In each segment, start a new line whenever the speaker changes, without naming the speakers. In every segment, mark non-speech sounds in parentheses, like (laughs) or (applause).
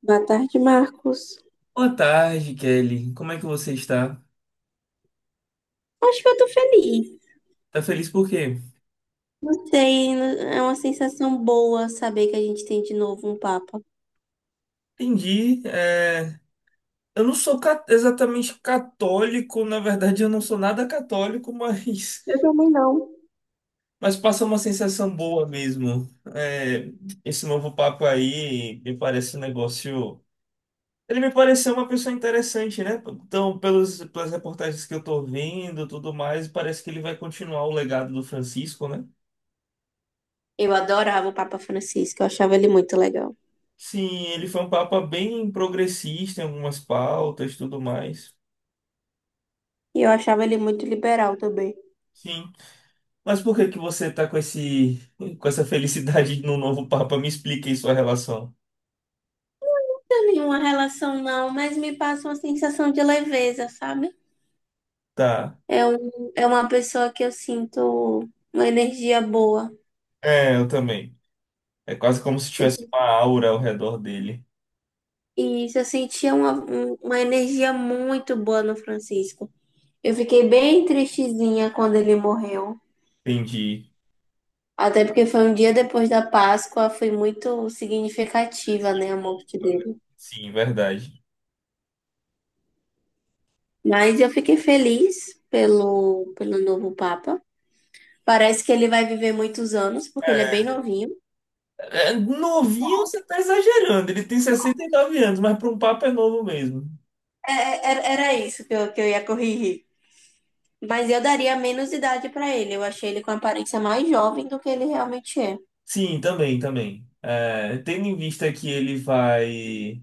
Boa tarde, Marcos.
Boa tarde, Kelly. Como é que você está?
Acho que eu tô feliz.
Tá feliz por quê?
Não sei, é uma sensação boa saber que a gente tem de novo um Papa.
Entendi. Eu não sou exatamente católico. Na verdade, eu não sou nada católico, (laughs) mas,
Eu também não.
mas passa uma sensação boa mesmo. É, Esse novo papo aí me parece um negócio. Ele me pareceu uma pessoa interessante, né? Então, pelas reportagens que eu tô vendo, tudo mais, parece que ele vai continuar o legado do Francisco, né?
Eu adorava o Papa Francisco, eu achava ele muito legal.
Sim, ele foi um papa bem progressista em algumas pautas, tudo mais.
E eu achava ele muito liberal também.
Sim. Mas por que que você tá com essa felicidade no novo Papa? Me explique aí sua relação.
Não tem nenhuma relação, não, mas me passa uma sensação de leveza, sabe?
Tá.
É uma pessoa que eu sinto uma energia boa.
É, eu também. É quase como se
Eu,
tivesse uma aura ao redor dele.
eu sentia uma energia muito boa no Francisco. Eu fiquei bem tristezinha quando ele morreu.
Entendi.
Até porque foi um dia depois da Páscoa, foi muito
É
significativa, né, a morte
simbólico, né?
dele.
Sim, verdade.
Mas eu fiquei feliz pelo novo Papa. Parece que ele vai viver muitos anos, porque ele é bem novinho.
É, novinho você tá exagerando. Ele tem 69 anos, mas para um Papa é novo mesmo.
É, era isso que eu ia corrigir. Mas eu daria menos idade para ele. Eu achei ele com aparência mais jovem do que ele realmente é.
Sim, também, também. É, tendo em vista que ele vai,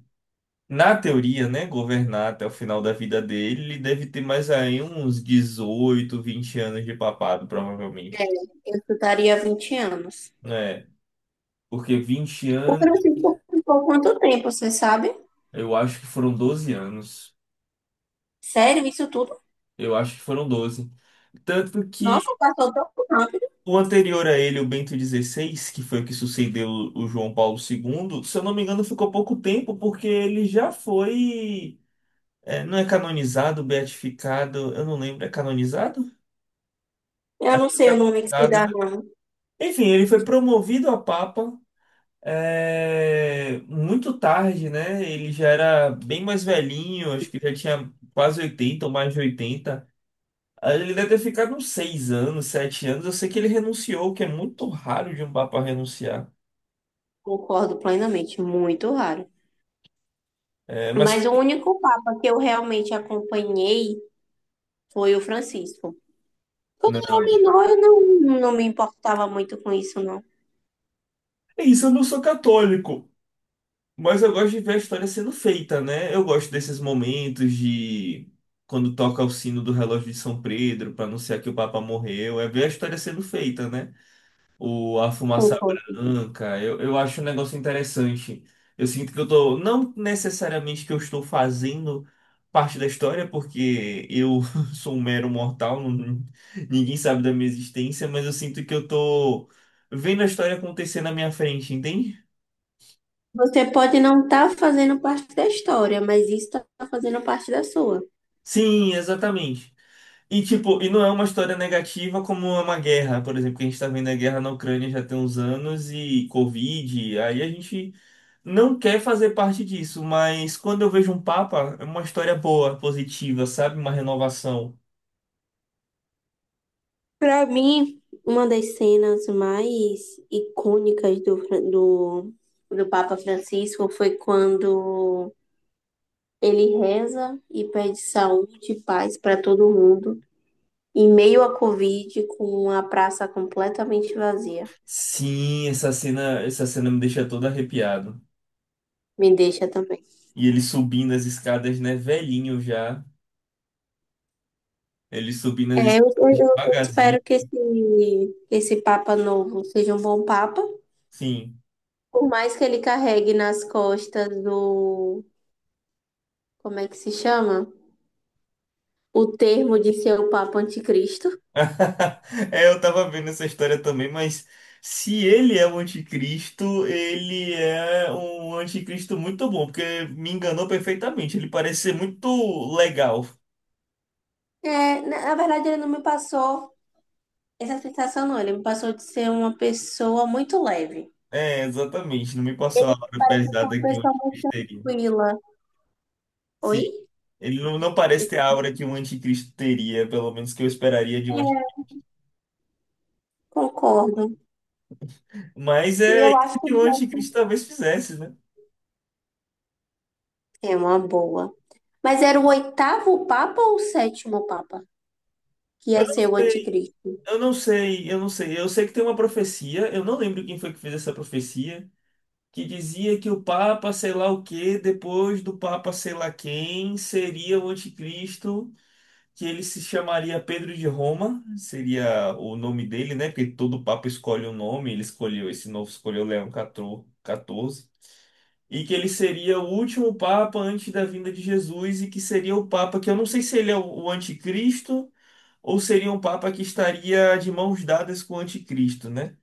na teoria, né, governar até o final da vida dele, ele deve ter mais aí uns 18, 20 anos de papado, provavelmente.
Eu chutaria 20 anos.
É, porque 20
O
anos,
Francisco ficou quanto tempo, você sabe?
eu acho que foram 12 anos.
Sério, isso tudo?
Eu acho que foram 12. Tanto
Nossa,
que
passou tão rápido.
o anterior a ele, o Bento XVI, que foi o que sucedeu o João Paulo II, se eu não me engano, ficou pouco tempo, porque ele já foi. Não é canonizado, beatificado, eu não lembro, é canonizado?
Eu
Acho
não
que
sei
é
o nome que se
canonizado,
dá,
né?
não.
Enfim, ele foi promovido a Papa muito tarde, né? Ele já era bem mais velhinho, acho que já tinha quase 80 ou mais de oitenta. Ele deve ter ficado uns 6 anos, 7 anos. Eu sei que ele renunciou, o que é muito raro de um Papa renunciar.
Concordo plenamente, muito raro.
Eh, mas
Mas o
que-
único papa que eu realmente acompanhei foi o Francisco. Quando eu era
Não.
menor, eu não me importava muito com isso, não.
É isso, eu não sou católico, mas eu gosto de ver a história sendo feita, né? Eu gosto desses momentos de quando toca o sino do relógio de São Pedro para anunciar que o Papa morreu, é ver a história sendo feita, né? A fumaça
Concordo.
branca. Eu acho um negócio interessante. Eu sinto que eu tô, não necessariamente que eu estou fazendo parte da história, porque eu (laughs) sou um mero mortal. Ninguém sabe da minha existência, mas eu sinto que eu tô vendo a história acontecer na minha frente, entende?
Você pode não estar fazendo parte da história, mas isso está fazendo parte da sua.
Sim, exatamente. E tipo, e não é uma história negativa como é uma guerra, por exemplo, que a gente tá vendo a guerra na Ucrânia já tem uns anos e Covid, aí a gente não quer fazer parte disso, mas quando eu vejo um Papa, é uma história boa, positiva, sabe? Uma renovação.
Para mim, uma das cenas mais icônicas do Papa Francisco foi quando ele reza e pede saúde e paz para todo mundo, em meio à Covid, com a praça completamente vazia.
Sim, essa cena me deixa todo arrepiado.
Me deixa também.
E ele subindo as escadas, né? Velhinho já. Ele subindo as escadas
Eu
devagarzinho.
espero que esse Papa novo seja um bom Papa,
Sim.
por mais que ele carregue nas costas do. Como é que se chama? O termo de ser o Papa Anticristo.
(laughs) É, eu tava vendo essa história também, mas se ele é o anticristo, ele é um anticristo muito bom, porque me enganou perfeitamente. Ele parece ser muito legal.
É, na verdade, ele não me passou essa sensação, não. Ele me passou de ser uma pessoa muito leve.
É, exatamente. Não me passou a
Ele
aura
é uma
pesada que o
pessoa
anticristo
muito
teria.
tranquila. Oi?
Sim, ele não parece
Eu
ter a aura que um anticristo teria, pelo menos que eu esperaria de um anticristo.
é, concordo.
Mas
E
é
eu
isso
acho que
que o anticristo talvez fizesse, né?
é uma boa. Mas era o oitavo Papa ou o sétimo Papa que
Eu,
ia ser o anticristo?
eu não sei, eu não sei. Eu sei que tem uma profecia, eu não lembro quem foi que fez essa profecia, que dizia que o Papa sei lá o quê, depois do Papa sei lá quem, seria o anticristo. Que ele se chamaria Pedro de Roma, seria o nome dele, né? Porque todo papa escolhe um nome, ele escolheu esse novo, escolheu Leão 14, e que ele seria o último papa antes da vinda de Jesus e que seria o papa que eu não sei se ele é o anticristo ou seria um papa que estaria de mãos dadas com o anticristo, né?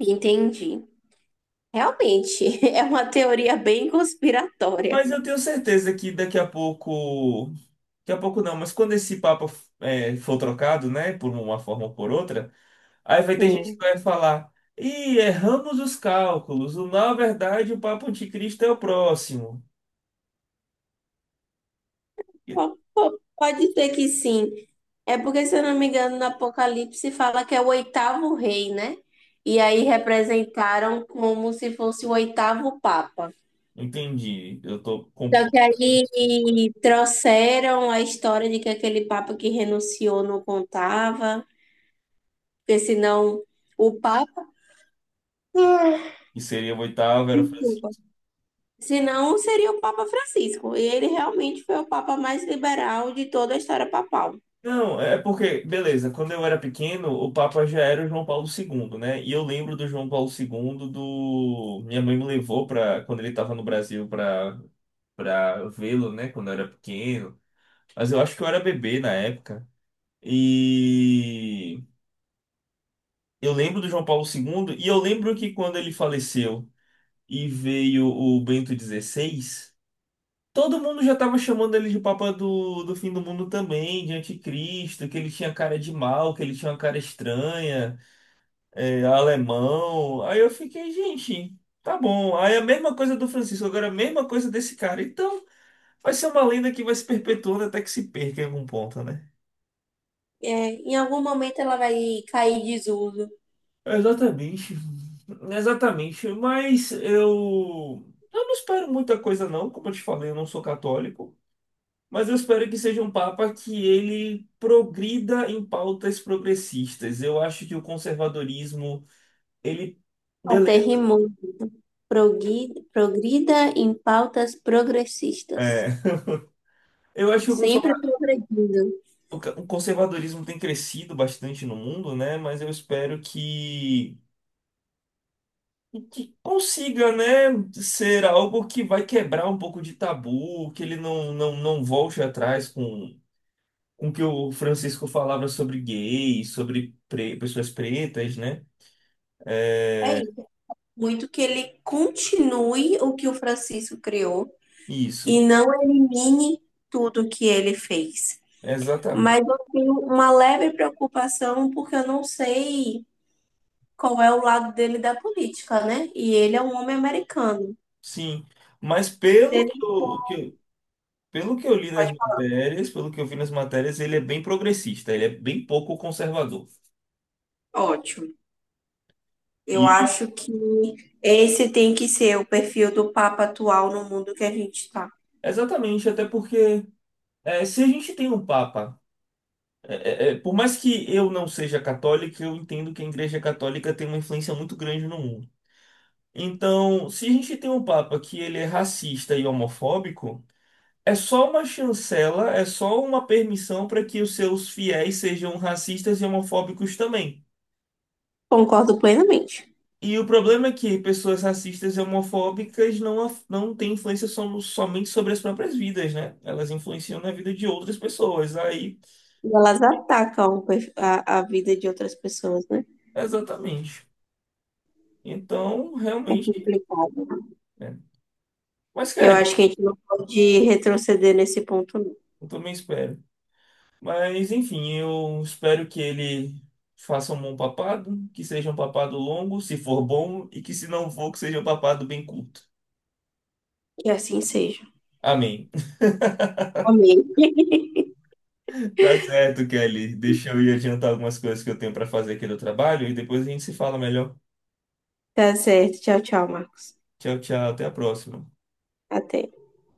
Entendi. Realmente, (laughs) é uma teoria bem conspiratória.
Mas eu tenho certeza que daqui a pouco não, mas quando esse papa for trocado, né, por uma forma ou por outra. Aí vai ter gente que
Sim.
vai falar: Ih, erramos os cálculos. Na verdade, o Papa Anticristo é o próximo. E-
Pode ser que sim. É porque, se eu não me engano, no Apocalipse fala que é o oitavo rei, né? E aí representaram como se fosse o oitavo papa.
Entendi. Eu tô
Só
com
que aí trouxeram a história de que aquele papa que renunciou não contava, porque senão o papa,
que seria o oitavo, era o Francisco.
desculpa, senão seria o Papa Francisco. E ele realmente foi o papa mais liberal de toda a história papal.
Não, é porque, beleza, quando eu era pequeno, o Papa já era o João Paulo II, né? E eu lembro do João Paulo II do. Minha mãe me levou para quando ele estava no Brasil para vê-lo, né? Quando eu era pequeno. Mas eu acho que eu era bebê na época. E eu lembro do João Paulo II e eu lembro que quando ele faleceu e veio o Bento XVI, todo mundo já estava chamando ele de Papa do fim do mundo também, de anticristo, que ele tinha cara de mal, que ele tinha uma cara estranha, é, alemão. Aí eu fiquei, gente, tá bom. Aí a mesma coisa do Francisco, agora a mesma coisa desse cara. Então vai ser uma lenda que vai se perpetuando até que se perca em algum ponto, né?
É, em algum momento ela vai cair em desuso.
Exatamente. Exatamente. Mas eu não espero muita coisa, não. Como eu te falei, eu não sou católico. Mas eu espero que seja um papa que ele progrida em pautas progressistas. Eu acho que o conservadorismo, ele.
Até
Beleza.
rimou. Progrida em pautas progressistas.
É. Eu acho que
Sempre progredindo.
o conservadorismo tem crescido bastante no mundo, né? Mas eu espero que consiga, né, ser algo que vai quebrar um pouco de tabu, que ele não, não, não volte atrás com o que o Francisco falava sobre gays, sobre pessoas pretas, né?
É isso. Muito que ele continue o que o Francisco criou, e
Isso,
não elimine tudo que ele fez.
exatamente.
Mas eu tenho uma leve preocupação porque eu não sei qual é o lado dele da política, né? E ele é um homem americano.
Sim, mas
Ele
pelo que eu li nas
pode...
matérias, pelo que eu vi nas matérias, ele é bem progressista, ele é bem pouco conservador.
Ótimo. Eu
E
acho que esse tem que ser o perfil do Papa atual no mundo que a gente está.
exatamente, até porque se a gente tem um papa É, por mais que eu não seja católico, eu entendo que a Igreja Católica tem uma influência muito grande no mundo. Então, se a gente tem um Papa que ele é racista e homofóbico, é só uma chancela, é só uma permissão para que os seus fiéis sejam racistas e homofóbicos também.
Concordo plenamente.
E o problema é que pessoas racistas e homofóbicas não têm influência somente sobre as próprias vidas, né? Elas influenciam na vida de outras pessoas. Aí,
E elas atacam a vida de outras pessoas, né?
exatamente. Então,
É
realmente,
complicado.
né? Mas,
Eu
cara,
acho que a gente não pode retroceder nesse ponto, não.
eu também espero. Mas, enfim, eu espero que ele faça um bom papado, que seja um papado longo, se for bom, e que se não for, que seja um papado bem curto.
Que assim seja.
Amém. (laughs)
Amém.
Tá certo, Kelly. Deixa eu ir adiantar algumas coisas que eu tenho para fazer aqui no trabalho e depois a gente se fala melhor.
Tá certo. Tchau, tchau, Marcos.
Tchau, tchau. Até a próxima.
Até.